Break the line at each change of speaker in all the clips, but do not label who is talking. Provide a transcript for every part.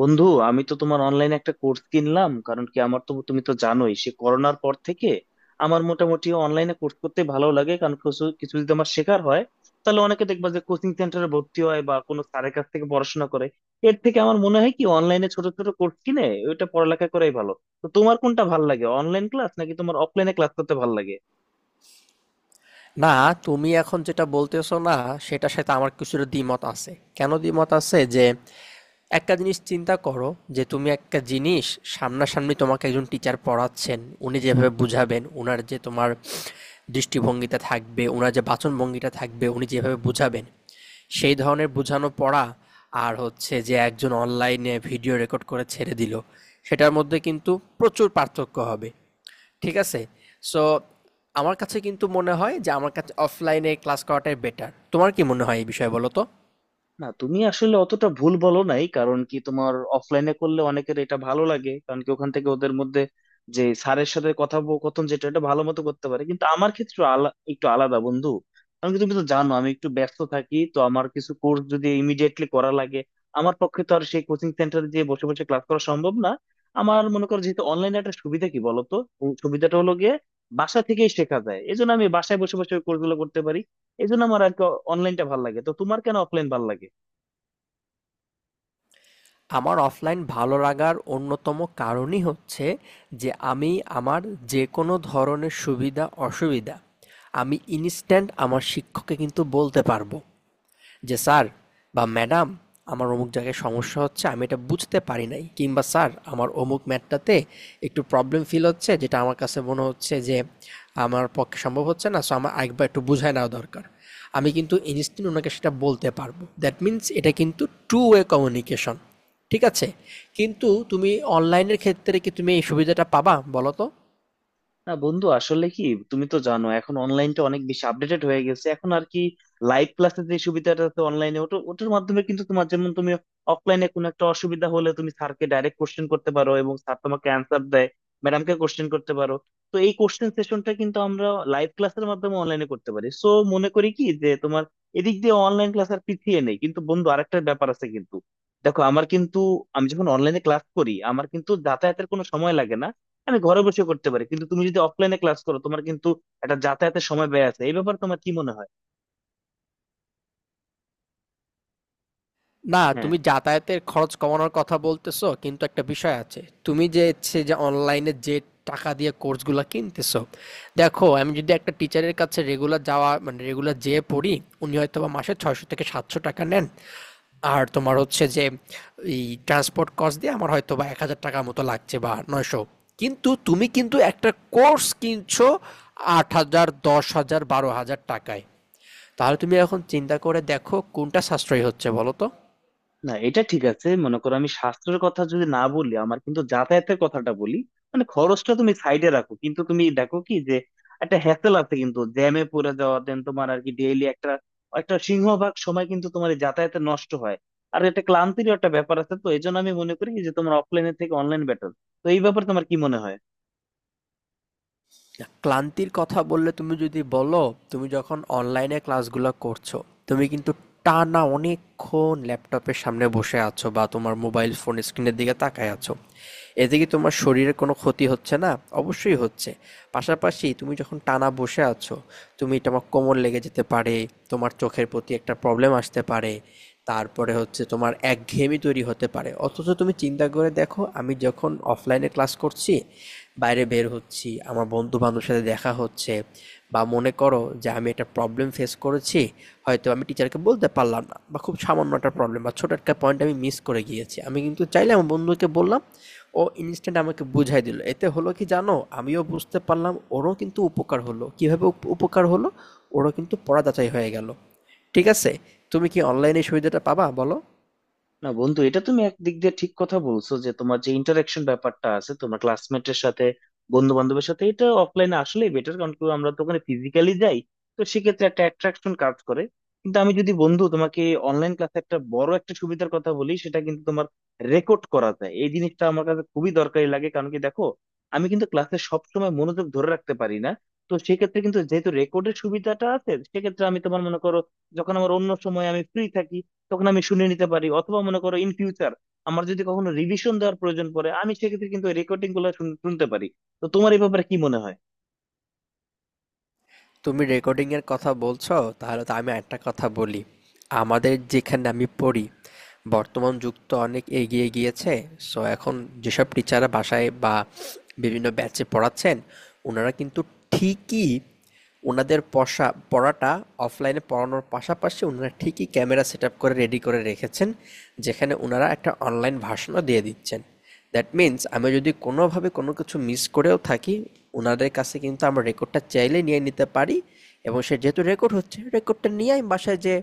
বন্ধু, আমি তো তোমার অনলাইনে একটা কোর্স কিনলাম। কারণ কি, আমার তো, তুমি তো জানোই, সে করোনার পর থেকে আমার মোটামুটি অনলাইনে কোর্স করতে ভালো লাগে। কারণ কিছু কিছু যদি আমার শেখার হয়, তাহলে অনেকে দেখবা যে কোচিং সেন্টারে ভর্তি হয় বা কোনো স্যারের কাছ থেকে পড়াশোনা করে। এর থেকে আমার মনে হয় কি, অনলাইনে ছোট ছোট কোর্স কিনে ওইটা পড়ালেখা করাই ভালো। তো তোমার কোনটা ভালো লাগে, অনলাইন ক্লাস, নাকি তোমার অফলাইনে ক্লাস করতে ভালো লাগে?
না, তুমি এখন যেটা বলতেছো না, সেটার সাথে আমার কিছুটা দ্বিমত আছে। কেন দ্বিমত আছে? যে একটা জিনিস চিন্তা করো, যে তুমি একটা জিনিস, সামনাসামনি তোমাকে একজন টিচার পড়াচ্ছেন, উনি যেভাবে বুঝাবেন, উনার যে তোমার দৃষ্টিভঙ্গিটা থাকবে, উনার যে বাচনভঙ্গিটা থাকবে, উনি যেভাবে বুঝাবেন, সেই ধরনের বুঝানো পড়া, আর হচ্ছে যে একজন অনলাইনে ভিডিও রেকর্ড করে ছেড়ে দিল, সেটার মধ্যে কিন্তু প্রচুর পার্থক্য হবে। ঠিক আছে? সো আমার কাছে কিন্তু মনে হয় যে আমার কাছে অফলাইনে ক্লাস করাটাই বেটার। তোমার কি মনে হয় এই বিষয়ে বলো তো?
না, তুমি আসলে অতটা ভুল বলো নাই। কারণ কি, তোমার অফলাইনে করলে অনেকের এটা ভালো লাগে। কারণ কি, ওখান থেকে ওদের মধ্যে যে স্যারের সাথে কথোপকথন, যেটা এটা ভালো মতো করতে পারে। কিন্তু আমার ক্ষেত্রে একটু আলাদা, বন্ধু। কারণ কি, তুমি তো জানো আমি একটু ব্যস্ত থাকি। তো আমার কিছু কোর্স যদি ইমিডিয়েটলি করা লাগে, আমার পক্ষে তো আর সেই কোচিং সেন্টারে গিয়ে বসে বসে ক্লাস করা সম্ভব না। আমার মনে করো, যেহেতু অনলাইনে একটা সুবিধা কি বলতো, ও সুবিধাটা হলো গিয়ে বাসা থেকেই শেখা যায়। এই জন্য আমি বাসায় বসে বসে কোর্সগুলো করতে পারি। এই জন্য আমার আর কি অনলাইনটা ভালো লাগে। তো তোমার কেন অফলাইন ভালো লাগে?
আমার অফলাইন ভালো লাগার অন্যতম কারণই হচ্ছে যে আমি, আমার যেকোনো ধরনের সুবিধা অসুবিধা আমি ইনস্ট্যান্ট আমার শিক্ষককে কিন্তু বলতে পারবো। যে স্যার বা ম্যাডাম, আমার অমুক জায়গায় সমস্যা হচ্ছে, আমি এটা বুঝতে পারি নাই, কিংবা স্যার আমার অমুক ম্যাটটাতে একটু প্রবলেম ফিল হচ্ছে, যেটা আমার কাছে মনে হচ্ছে যে আমার পক্ষে সম্ভব হচ্ছে না, সো আমার একবার একটু বুঝায় নেওয়া দরকার। আমি কিন্তু ইনস্ট্যান্ট ওনাকে সেটা বলতে পারবো। দ্যাট মিন্স এটা কিন্তু টু ওয়ে কমিউনিকেশন, ঠিক আছে? কিন্তু তুমি অনলাইনের ক্ষেত্রে কি তুমি এই সুবিধাটা পাবা বলো তো?
না বন্ধু, আসলে কি, তুমি তো জানো এখন অনলাইনটা অনেক বেশি আপডেটেড হয়ে গেছে। এখন আর কি, লাইভ ক্লাসের যে সুবিধাটা আছে অনলাইনে, ওটার মাধ্যমে কিন্তু তোমার, যেমন তুমি অফলাইনে কোনো একটা অসুবিধা হলে তুমি স্যারকে ডাইরেক্ট কোশ্চেন করতে পারো এবং স্যার তোমাকে অ্যান্সার দেয়, ম্যাডামকে কোশ্চেন করতে পারো। তো এই কোশ্চেন সেশনটা কিন্তু আমরা লাইভ ক্লাসের মাধ্যমে অনলাইনে করতে পারি। সো মনে করি কি যে তোমার এদিক দিয়ে অনলাইন ক্লাস আর পিছিয়ে নেই। কিন্তু বন্ধু, আরেকটা ব্যাপার আছে কিন্তু। দেখো, আমার কিন্তু, আমি যখন অনলাইনে ক্লাস করি আমার কিন্তু যাতায়াতের কোনো সময় লাগে না, আমি ঘরে বসে করতে পারি। কিন্তু তুমি যদি অফলাইনে ক্লাস করো, তোমার কিন্তু একটা যাতায়াতের সময় ব্যয় আছে। এই ব্যাপারে তোমার কি মনে হয়?
না,
হ্যাঁ।
তুমি যাতায়াতের খরচ কমানোর কথা বলতেছো, কিন্তু একটা বিষয় আছে। তুমি যে হচ্ছে যে অনলাইনে যে টাকা দিয়ে কোর্সগুলো কিনতেছো, দেখো আমি যদি একটা টিচারের কাছে রেগুলার যাওয়া মানে রেগুলার যেয়ে পড়ি, উনি হয়তোবা মাসে ৬০০ থেকে ৭০০ টাকা নেন। আর তোমার হচ্ছে যে এই ট্রান্সপোর্ট কস্ট দিয়ে আমার হয়তোবা ১,০০০ টাকার মতো লাগছে বা ৯০০। কিন্তু তুমি কিন্তু একটা কোর্স কিনছো ৮,০০০, ১০,০০০, ১২,০০০ টাকায়। তাহলে তুমি এখন চিন্তা করে দেখো কোনটা সাশ্রয়ী হচ্ছে বলো তো?
না, এটা ঠিক আছে। মনে করো, আমি স্বাস্থ্যের কথা যদি না বলি, আমার কিন্তু যাতায়াতের কথাটা বলি, মানে খরচটা তুমি সাইডে রাখো। কিন্তু তুমি দেখো কি যে একটা হ্যাসেল আছে কিন্তু, জ্যামে পড়ে যাওয়া, দেন তোমার আর কি ডেইলি একটা একটা সিংহভাগ সময় কিন্তু তোমার এই যাতায়াতে নষ্ট হয়। আর এটা ক্লান্তির একটা ব্যাপার আছে। তো এই জন্য আমি মনে করি যে তোমার অফলাইনের থেকে অনলাইন বেটার। তো এই ব্যাপারে তোমার কি মনে হয়?
ক্লান্তির কথা বললে, তুমি যদি বলো তুমি যখন অনলাইনে ক্লাসগুলো করছো, তুমি কিন্তু টানা অনেকক্ষণ ল্যাপটপের সামনে বসে আছো বা তোমার মোবাইল ফোন স্ক্রিনের দিকে তাকায় আছো, এতে কি তোমার শরীরের কোনো ক্ষতি হচ্ছে না? অবশ্যই হচ্ছে। পাশাপাশি তুমি যখন টানা বসে আছো, তুমি তোমার কোমর লেগে যেতে পারে, তোমার চোখের প্রতি একটা প্রবলেম আসতে পারে, তারপরে হচ্ছে তোমার একঘেয়েমি তৈরি হতে পারে। অথচ তুমি চিন্তা করে দেখো, আমি যখন অফলাইনে ক্লাস করছি, বাইরে বের হচ্ছি, আমার বন্ধু বান্ধবের সাথে দেখা হচ্ছে, বা মনে করো যে আমি একটা প্রবলেম ফেস করেছি, হয়তো আমি টিচারকে বলতে পারলাম না বা খুব সামান্য একটা প্রবলেম বা ছোট একটা পয়েন্ট আমি মিস করে গিয়েছি, আমি কিন্তু চাইলে আমার বন্ধুকে বললাম, ও ইনস্ট্যান্ট আমাকে বুঝাই দিল। এতে হলো কি জানো, আমিও বুঝতে পারলাম, ওরও কিন্তু উপকার হলো। কীভাবে উপকার হলো? ওরও কিন্তু পড়া যাচাই হয়ে গেল। ঠিক আছে। তুমি কি অনলাইন এই সুবিধাটা পাবা বলো?
না বন্ধু, এটা তুমি একদিক দিয়ে ঠিক কথা বলছো যে তোমার যে ইন্টারাকশন ব্যাপারটা আছে তোমার ক্লাসমেটের সাথে, বন্ধু বান্ধবের সাথে, এটা অফলাইনে আসলেই বেটার। কারণ কি, আমরা তো ওখানে ফিজিক্যালি যাই, তো সেক্ষেত্রে একটা অ্যাট্রাকশন কাজ করে। কিন্তু আমি যদি বন্ধু তোমাকে অনলাইন ক্লাসে একটা বড় একটা সুবিধার কথা বলি, সেটা কিন্তু তোমার রেকর্ড করা যায়। এই জিনিসটা আমার কাছে খুবই দরকারি লাগে। কারণ কি, দেখো, আমি কিন্তু ক্লাসে সবসময় মনোযোগ ধরে রাখতে পারি না। তো সেক্ষেত্রে কিন্তু যেহেতু রেকর্ডের সুবিধাটা আছে, সেক্ষেত্রে আমি, তোমার মনে করো, যখন আমার অন্য সময় আমি ফ্রি থাকি তখন আমি শুনে নিতে পারি। অথবা মনে করো ইন ফিউচার আমার যদি কখনো রিভিশন দেওয়ার প্রয়োজন পড়ে, আমি সেক্ষেত্রে কিন্তু রেকর্ডিং গুলো শুনতে পারি। তো তোমার এই ব্যাপারে কি মনে হয়?
তুমি রেকর্ডিংয়ের কথা বলছো, তাহলে তো আমি একটা কথা বলি। আমাদের যেখানে আমি পড়ি, বর্তমান যুগ তো অনেক এগিয়ে গিয়েছে। সো এখন যেসব টিচাররা বাসায় বা বিভিন্ন ব্যাচে পড়াচ্ছেন, ওনারা কিন্তু ঠিকই ওনাদের পড়াটা অফলাইনে পড়ানোর পাশাপাশি ওনারা ঠিকই ক্যামেরা সেট আপ করে রেডি করে রেখেছেন, যেখানে ওনারা একটা অনলাইন ভার্সনও দিয়ে দিচ্ছেন। দ্যাট মিন্স আমি যদি কোনোভাবে কোনো কিছু মিস করেও থাকি, ওনাদের কাছে কিন্তু আমরা রেকর্ডটা চাইলে নিয়ে নিতে পারি, এবং সে যেহেতু রেকর্ড হচ্ছে, রেকর্ডটা নিয়ে আমি বাসায় যে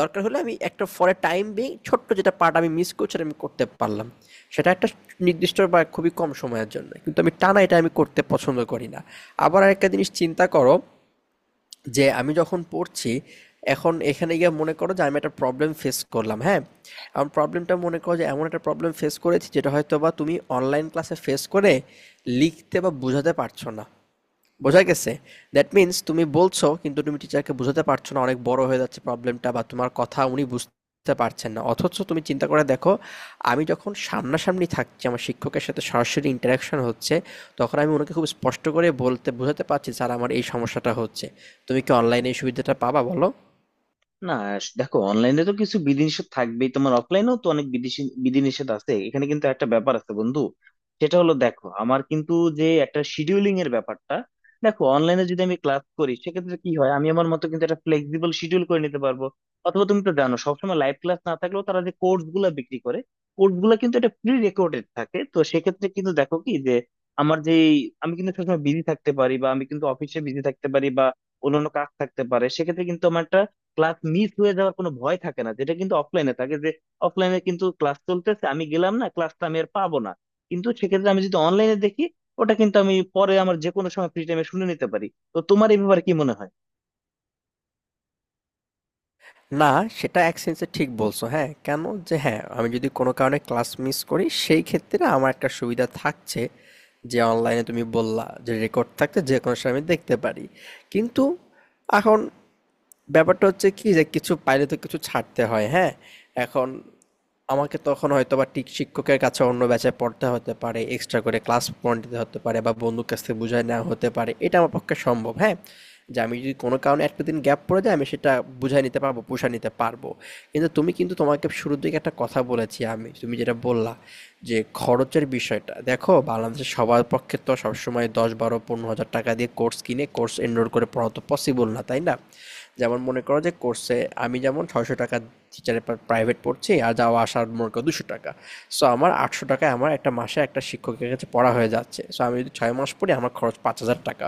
দরকার হলে আমি একটা ফরে টাইম বিং ছোট্ট যেটা পার্ট আমি মিস করছি সেটা আমি করতে পারলাম। সেটা একটা নির্দিষ্ট বা খুবই কম সময়ের জন্য, কিন্তু আমি টানা এটা আমি করতে পছন্দ করি না। আবার একটা জিনিস চিন্তা করো, যে আমি যখন পড়ছি, এখন এখানে গিয়ে মনে করো যে আমি একটা প্রবলেম ফেস করলাম, হ্যাঁ? আমার প্রবলেমটা মনে করো যে এমন একটা প্রবলেম ফেস করেছি যেটা হয়তো বা তুমি অনলাইন ক্লাসে ফেস করে লিখতে বা বোঝাতে পারছো না। বোঝা গেছে? দ্যাট মিন্স তুমি বলছো কিন্তু তুমি টিচারকে বোঝাতে পারছো না, অনেক বড় হয়ে যাচ্ছে প্রবলেমটা বা তোমার কথা উনি বুঝতে পারছেন না। অথচ তুমি চিন্তা করে দেখো, আমি যখন সামনাসামনি থাকছি আমার শিক্ষকের সাথে, সরাসরি ইন্টারাকশন হচ্ছে, তখন আমি ওনাকে খুব স্পষ্ট করে বলতে বোঝাতে পারছি, স্যার আমার এই সমস্যাটা হচ্ছে। তুমি কি অনলাইনে এই সুবিধাটা পাবা বলো?
না, দেখো, অনলাইনে তো কিছু বিধিনিষেধ থাকবেই, তোমার অফলাইনেও তো অনেক বিধিনিষেধ আছে। এখানে কিন্তু একটা ব্যাপার আছে বন্ধু। সেটা হলো, দেখো, আমার কিন্তু যে একটা শিডিউলিং এর ব্যাপারটা, দেখো, অনলাইনে যদি আমি ক্লাস করি সেক্ষেত্রে কি হয়, আমি আমার মতো কিন্তু একটা ফ্লেক্সিবল শিডিউল করে নিতে পারবো। অথবা তুমি তো জানো, সবসময় লাইভ ক্লাস না থাকলেও, তারা যে কোর্স গুলা বিক্রি করে কোর্স গুলা কিন্তু এটা প্রি রেকর্ডেড থাকে। তো সেক্ষেত্রে কিন্তু দেখো কি যে আমার যে, আমি কিন্তু সবসময় বিজি থাকতে পারি বা আমি কিন্তু অফিসে বিজি থাকতে পারি বা অন্যান্য কাজ থাকতে পারে, সেক্ষেত্রে ক্লাস মিস হয়ে যাওয়ার কোনো ভয় থাকে না। যেটা কিন্তু অফলাইনে থাকে যে অফলাইনে কিন্তু ক্লাস চলতেছে, আমি গেলাম না, ক্লাসটা আমি আর পাবো না। কিন্তু সেক্ষেত্রে আমি যদি অনলাইনে দেখি, ওটা কিন্তু আমি পরে আমার যে কোনো সময় ফ্রি টাইমে শুনে নিতে পারি। তো তোমার এই ব্যাপারে কি মনে হয়?
না, সেটা এক সেন্সে ঠিক বলছো। হ্যাঁ, কেন? যে হ্যাঁ, আমি যদি কোনো কারণে ক্লাস মিস করি, সেই ক্ষেত্রে আমার একটা সুবিধা থাকছে যে অনলাইনে, তুমি বললা, যে রেকর্ড থাকতে যে কোনো সময় আমি দেখতে পারি। কিন্তু এখন ব্যাপারটা হচ্ছে কি, যে কিছু পাইলে তো কিছু ছাড়তে হয়, হ্যাঁ? এখন আমাকে তখন হয়তোবা ঠিক শিক্ষকের কাছে অন্য ব্যাচে পড়তে হতে পারে, এক্সট্রা করে ক্লাস পয়েন্ট দিতে হতে পারে বা বন্ধুর কাছ থেকে বুঝায় নেওয়া হতে পারে। এটা আমার পক্ষে সম্ভব, হ্যাঁ? যে আমি যদি কোনো কারণে একটা দিন গ্যাপ পড়ে যায়, আমি সেটা বুঝায় নিতে পারবো, পুষায় নিতে পারবো। কিন্তু তুমি কিন্তু, তোমাকে শুরুর দিকে একটা কথা বলেছি আমি, তুমি যেটা বললা যে খরচের বিষয়টা। দেখো বাংলাদেশে সবার পক্ষে তো সবসময় ১০, ১২, ১৫ হাজার টাকা দিয়ে কোর্স কিনে কোর্স এনরোল করে পড়া তো পসিবল না, তাই না? যেমন মনে করো যে কোর্সে, আমি যেমন ৬০০ টাকা টিচারের প্রাইভেট পড়ছি, আর যাওয়া আসার মনে করো ২০০ টাকা, সো আমার ৮০০ টাকায় আমার একটা মাসে একটা শিক্ষকের কাছে পড়া হয়ে যাচ্ছে। সো আমি যদি ৬ মাস পড়ি আমার খরচ ৫,০০০ টাকা।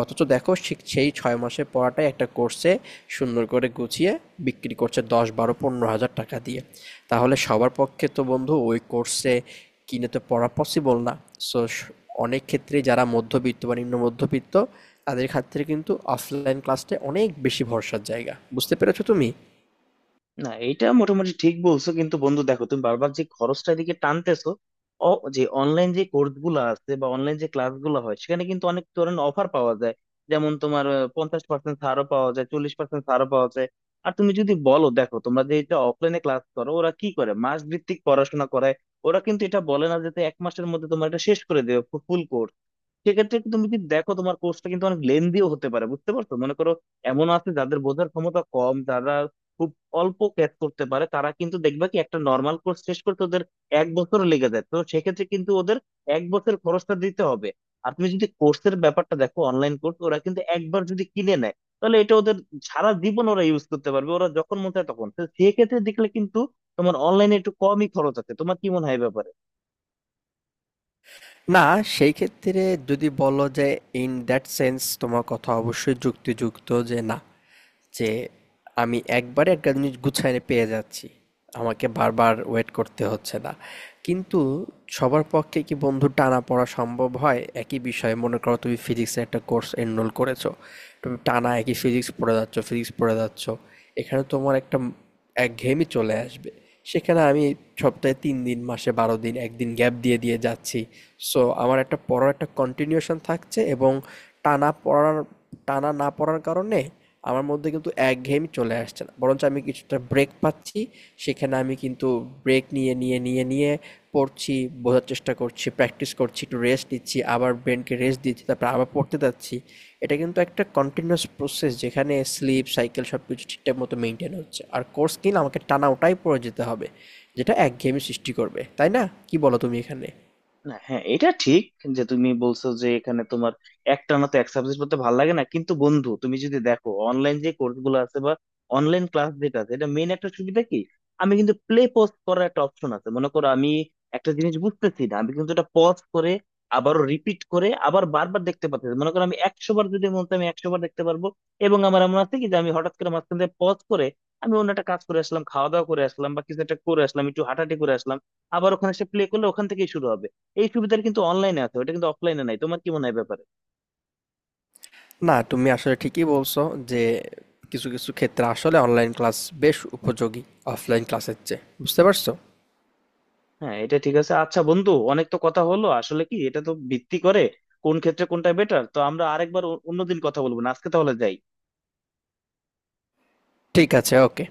অথচ দেখো সেই ৬ মাসের পড়াটাই একটা কোর্সে সুন্দর করে গুছিয়ে বিক্রি করছে ১০, ১২, ১৫ হাজার টাকা দিয়ে। তাহলে সবার পক্ষে তো বন্ধু ওই কোর্সে কিনে তো পড়া পসিবল না। সো অনেক ক্ষেত্রে যারা মধ্যবিত্ত বা নিম্ন মধ্যবিত্ত, তাদের ক্ষেত্রে কিন্তু অফলাইন ক্লাসটা অনেক বেশি ভরসার জায়গা। বুঝতে পেরেছো তুমি?
না, এটা মোটামুটি ঠিক বলছো। কিন্তু বন্ধু, দেখো, তুমি বারবার যে খরচটা এদিকে টানতেছো, ও, যে অনলাইন যে কোর্স গুলো আছে বা অনলাইন যে ক্লাস গুলো হয়, সেখানে কিন্তু অনেক ধরনের অফার পাওয়া যায়। যেমন তোমার 50% ছাড়ও পাওয়া যায়, 40% ছাড়ও পাওয়া যায়। আর তুমি যদি বলো, দেখো, তোমরা যে এটা অফলাইনে ক্লাস করো, ওরা কি করে, মাস ভিত্তিক পড়াশোনা করায়। ওরা কিন্তু এটা বলে না যে তুই এক মাসের মধ্যে তোমার এটা শেষ করে দেবে ফুল কোর্স। সেক্ষেত্রে একটু তুমি যদি দেখো, তোমার কোর্সটা কিন্তু অনেক লেন্দিও হতে পারে, বুঝতে পারছো? মনে করো, এমন আছে যাদের বোঝার ক্ষমতা কম, যারা খুব অল্প ক্যাচ করতে পারে, তারা কিন্তু দেখবা কি একটা নর্মাল কোর্স শেষ করতে ওদের 1 বছর লেগে যায়। তো সেক্ষেত্রে কিন্তু ওদের 1 বছর খরচটা দিতে হবে। আর তুমি যদি কোর্সের ব্যাপারটা দেখো, অনলাইন কোর্স ওরা কিন্তু একবার যদি কিনে নেয় তাহলে এটা ওদের সারা জীবন ওরা ইউজ করতে পারবে, ওরা যখন মন চায় তখন। তো সেক্ষেত্রে দেখলে কিন্তু তোমার অনলাইনে একটু কমই খরচ আছে। তোমার কি মনে হয় ব্যাপার?
না, সেই ক্ষেত্রে যদি বলো যে, in that sense তোমার কথা অবশ্যই যুক্তিযুক্ত, যে না, যে আমি একবারে একটা জিনিস গুছায় পেয়ে যাচ্ছি। আমাকে বারবার ওয়েট করতে হচ্ছে না। কিন্তু সবার পক্ষে কি বন্ধু টানাপড়া সম্ভব হয়? একই বিষয়ে মনে করো তুমি ফিজিক্সের একটা কোর্স এনরোল করেছো। তুমি টানা একই ফিজিক্স পড়ে যাচ্ছ, ফিজিক্স পড়ে যাচ্ছ। এখানে তোমার একটা একঘেয়েমি চলে আসবে। সেখানে আমি সপ্তাহে ৩ দিন, মাসে ১২ দিন, একদিন গ্যাপ দিয়ে দিয়ে যাচ্ছি, সো আমার একটা পড়ার একটা কন্টিনিউশন থাকছে, এবং টানা পড়ার টানা না পড়ার কারণে আমার মধ্যে কিন্তু একঘেয়েমি চলে আসছে না, বরঞ্চ আমি কিছুটা ব্রেক পাচ্ছি। সেখানে আমি কিন্তু ব্রেক নিয়ে নিয়ে পড়ছি, বোঝার চেষ্টা করছি, প্র্যাকটিস করছি, একটু রেস্ট নিচ্ছি, আবার ব্রেনকে রেস্ট দিচ্ছি, তারপর আবার পড়তে যাচ্ছি। এটা কিন্তু একটা কন্টিনিউয়াস প্রসেস, যেখানে স্লিপ সাইকেল সব কিছু ঠিকঠাক মতো মেনটেন হচ্ছে। আর কোর্স কিনা আমাকে টানা ওটাই পড়ে যেতে হবে, যেটা একঘেয়েমি সৃষ্টি করবে, তাই না? কি বলো তুমি এখানে?
না, হ্যাঁ, এটা ঠিক যে তুমি বলছো যে এখানে তোমার একটানা তো এক সাবজেক্ট পড়তে ভালো লাগে না। কিন্তু বন্ধু, তুমি যদি দেখো অনলাইন যে কোর্স গুলো আছে বা অনলাইন ক্লাস যেটা আছে, এটা মেন একটা সুবিধা কি, আমি কিন্তু প্লে পজ করার একটা অপশন আছে। মনে করো আমি একটা জিনিস বুঝতেছি না, আমি কিন্তু এটা পজ করে আবারও রিপিট করে আবার বারবার দেখতে পাচ্ছি। মনে করো আমি 100 বার যদি মন চাই আমি 100 বার দেখতে পারবো। এবং আমার এমন আছে কি যে আমি হঠাৎ করে মাঝখান থেকে পজ করে আমি অন্য একটা কাজ করে আসলাম, খাওয়া দাওয়া করে আসলাম, বা কিছু একটা করে আসলাম, একটু হাঁটাহাঁটি করে আসলাম, আবার ওখানে সে প্লে করলে ওখান থেকেই শুরু হবে। এই সুবিধাটা কিন্তু অনলাইনে আছে, ওটা কিন্তু অফলাইনে নাই। তোমার কি মনে হয় এ ব্যাপারে?
না, তুমি আসলে ঠিকই বলছো, যে কিছু কিছু ক্ষেত্রে আসলে অনলাইন ক্লাস বেশ উপযোগী অফলাইন ক্লাসের চেয়ে। বুঝতে পারছো?
হ্যাঁ, এটা ঠিক আছে। আচ্ছা বন্ধু, অনেক তো কথা হলো। আসলে কি, এটা তো ভিত্তি করে কোন ক্ষেত্রে কোনটা বেটার। তো আমরা আরেকবার অন্যদিন কথা বলবো। না, আজকে তাহলে যাই।
ঠিক আছে, ওকে।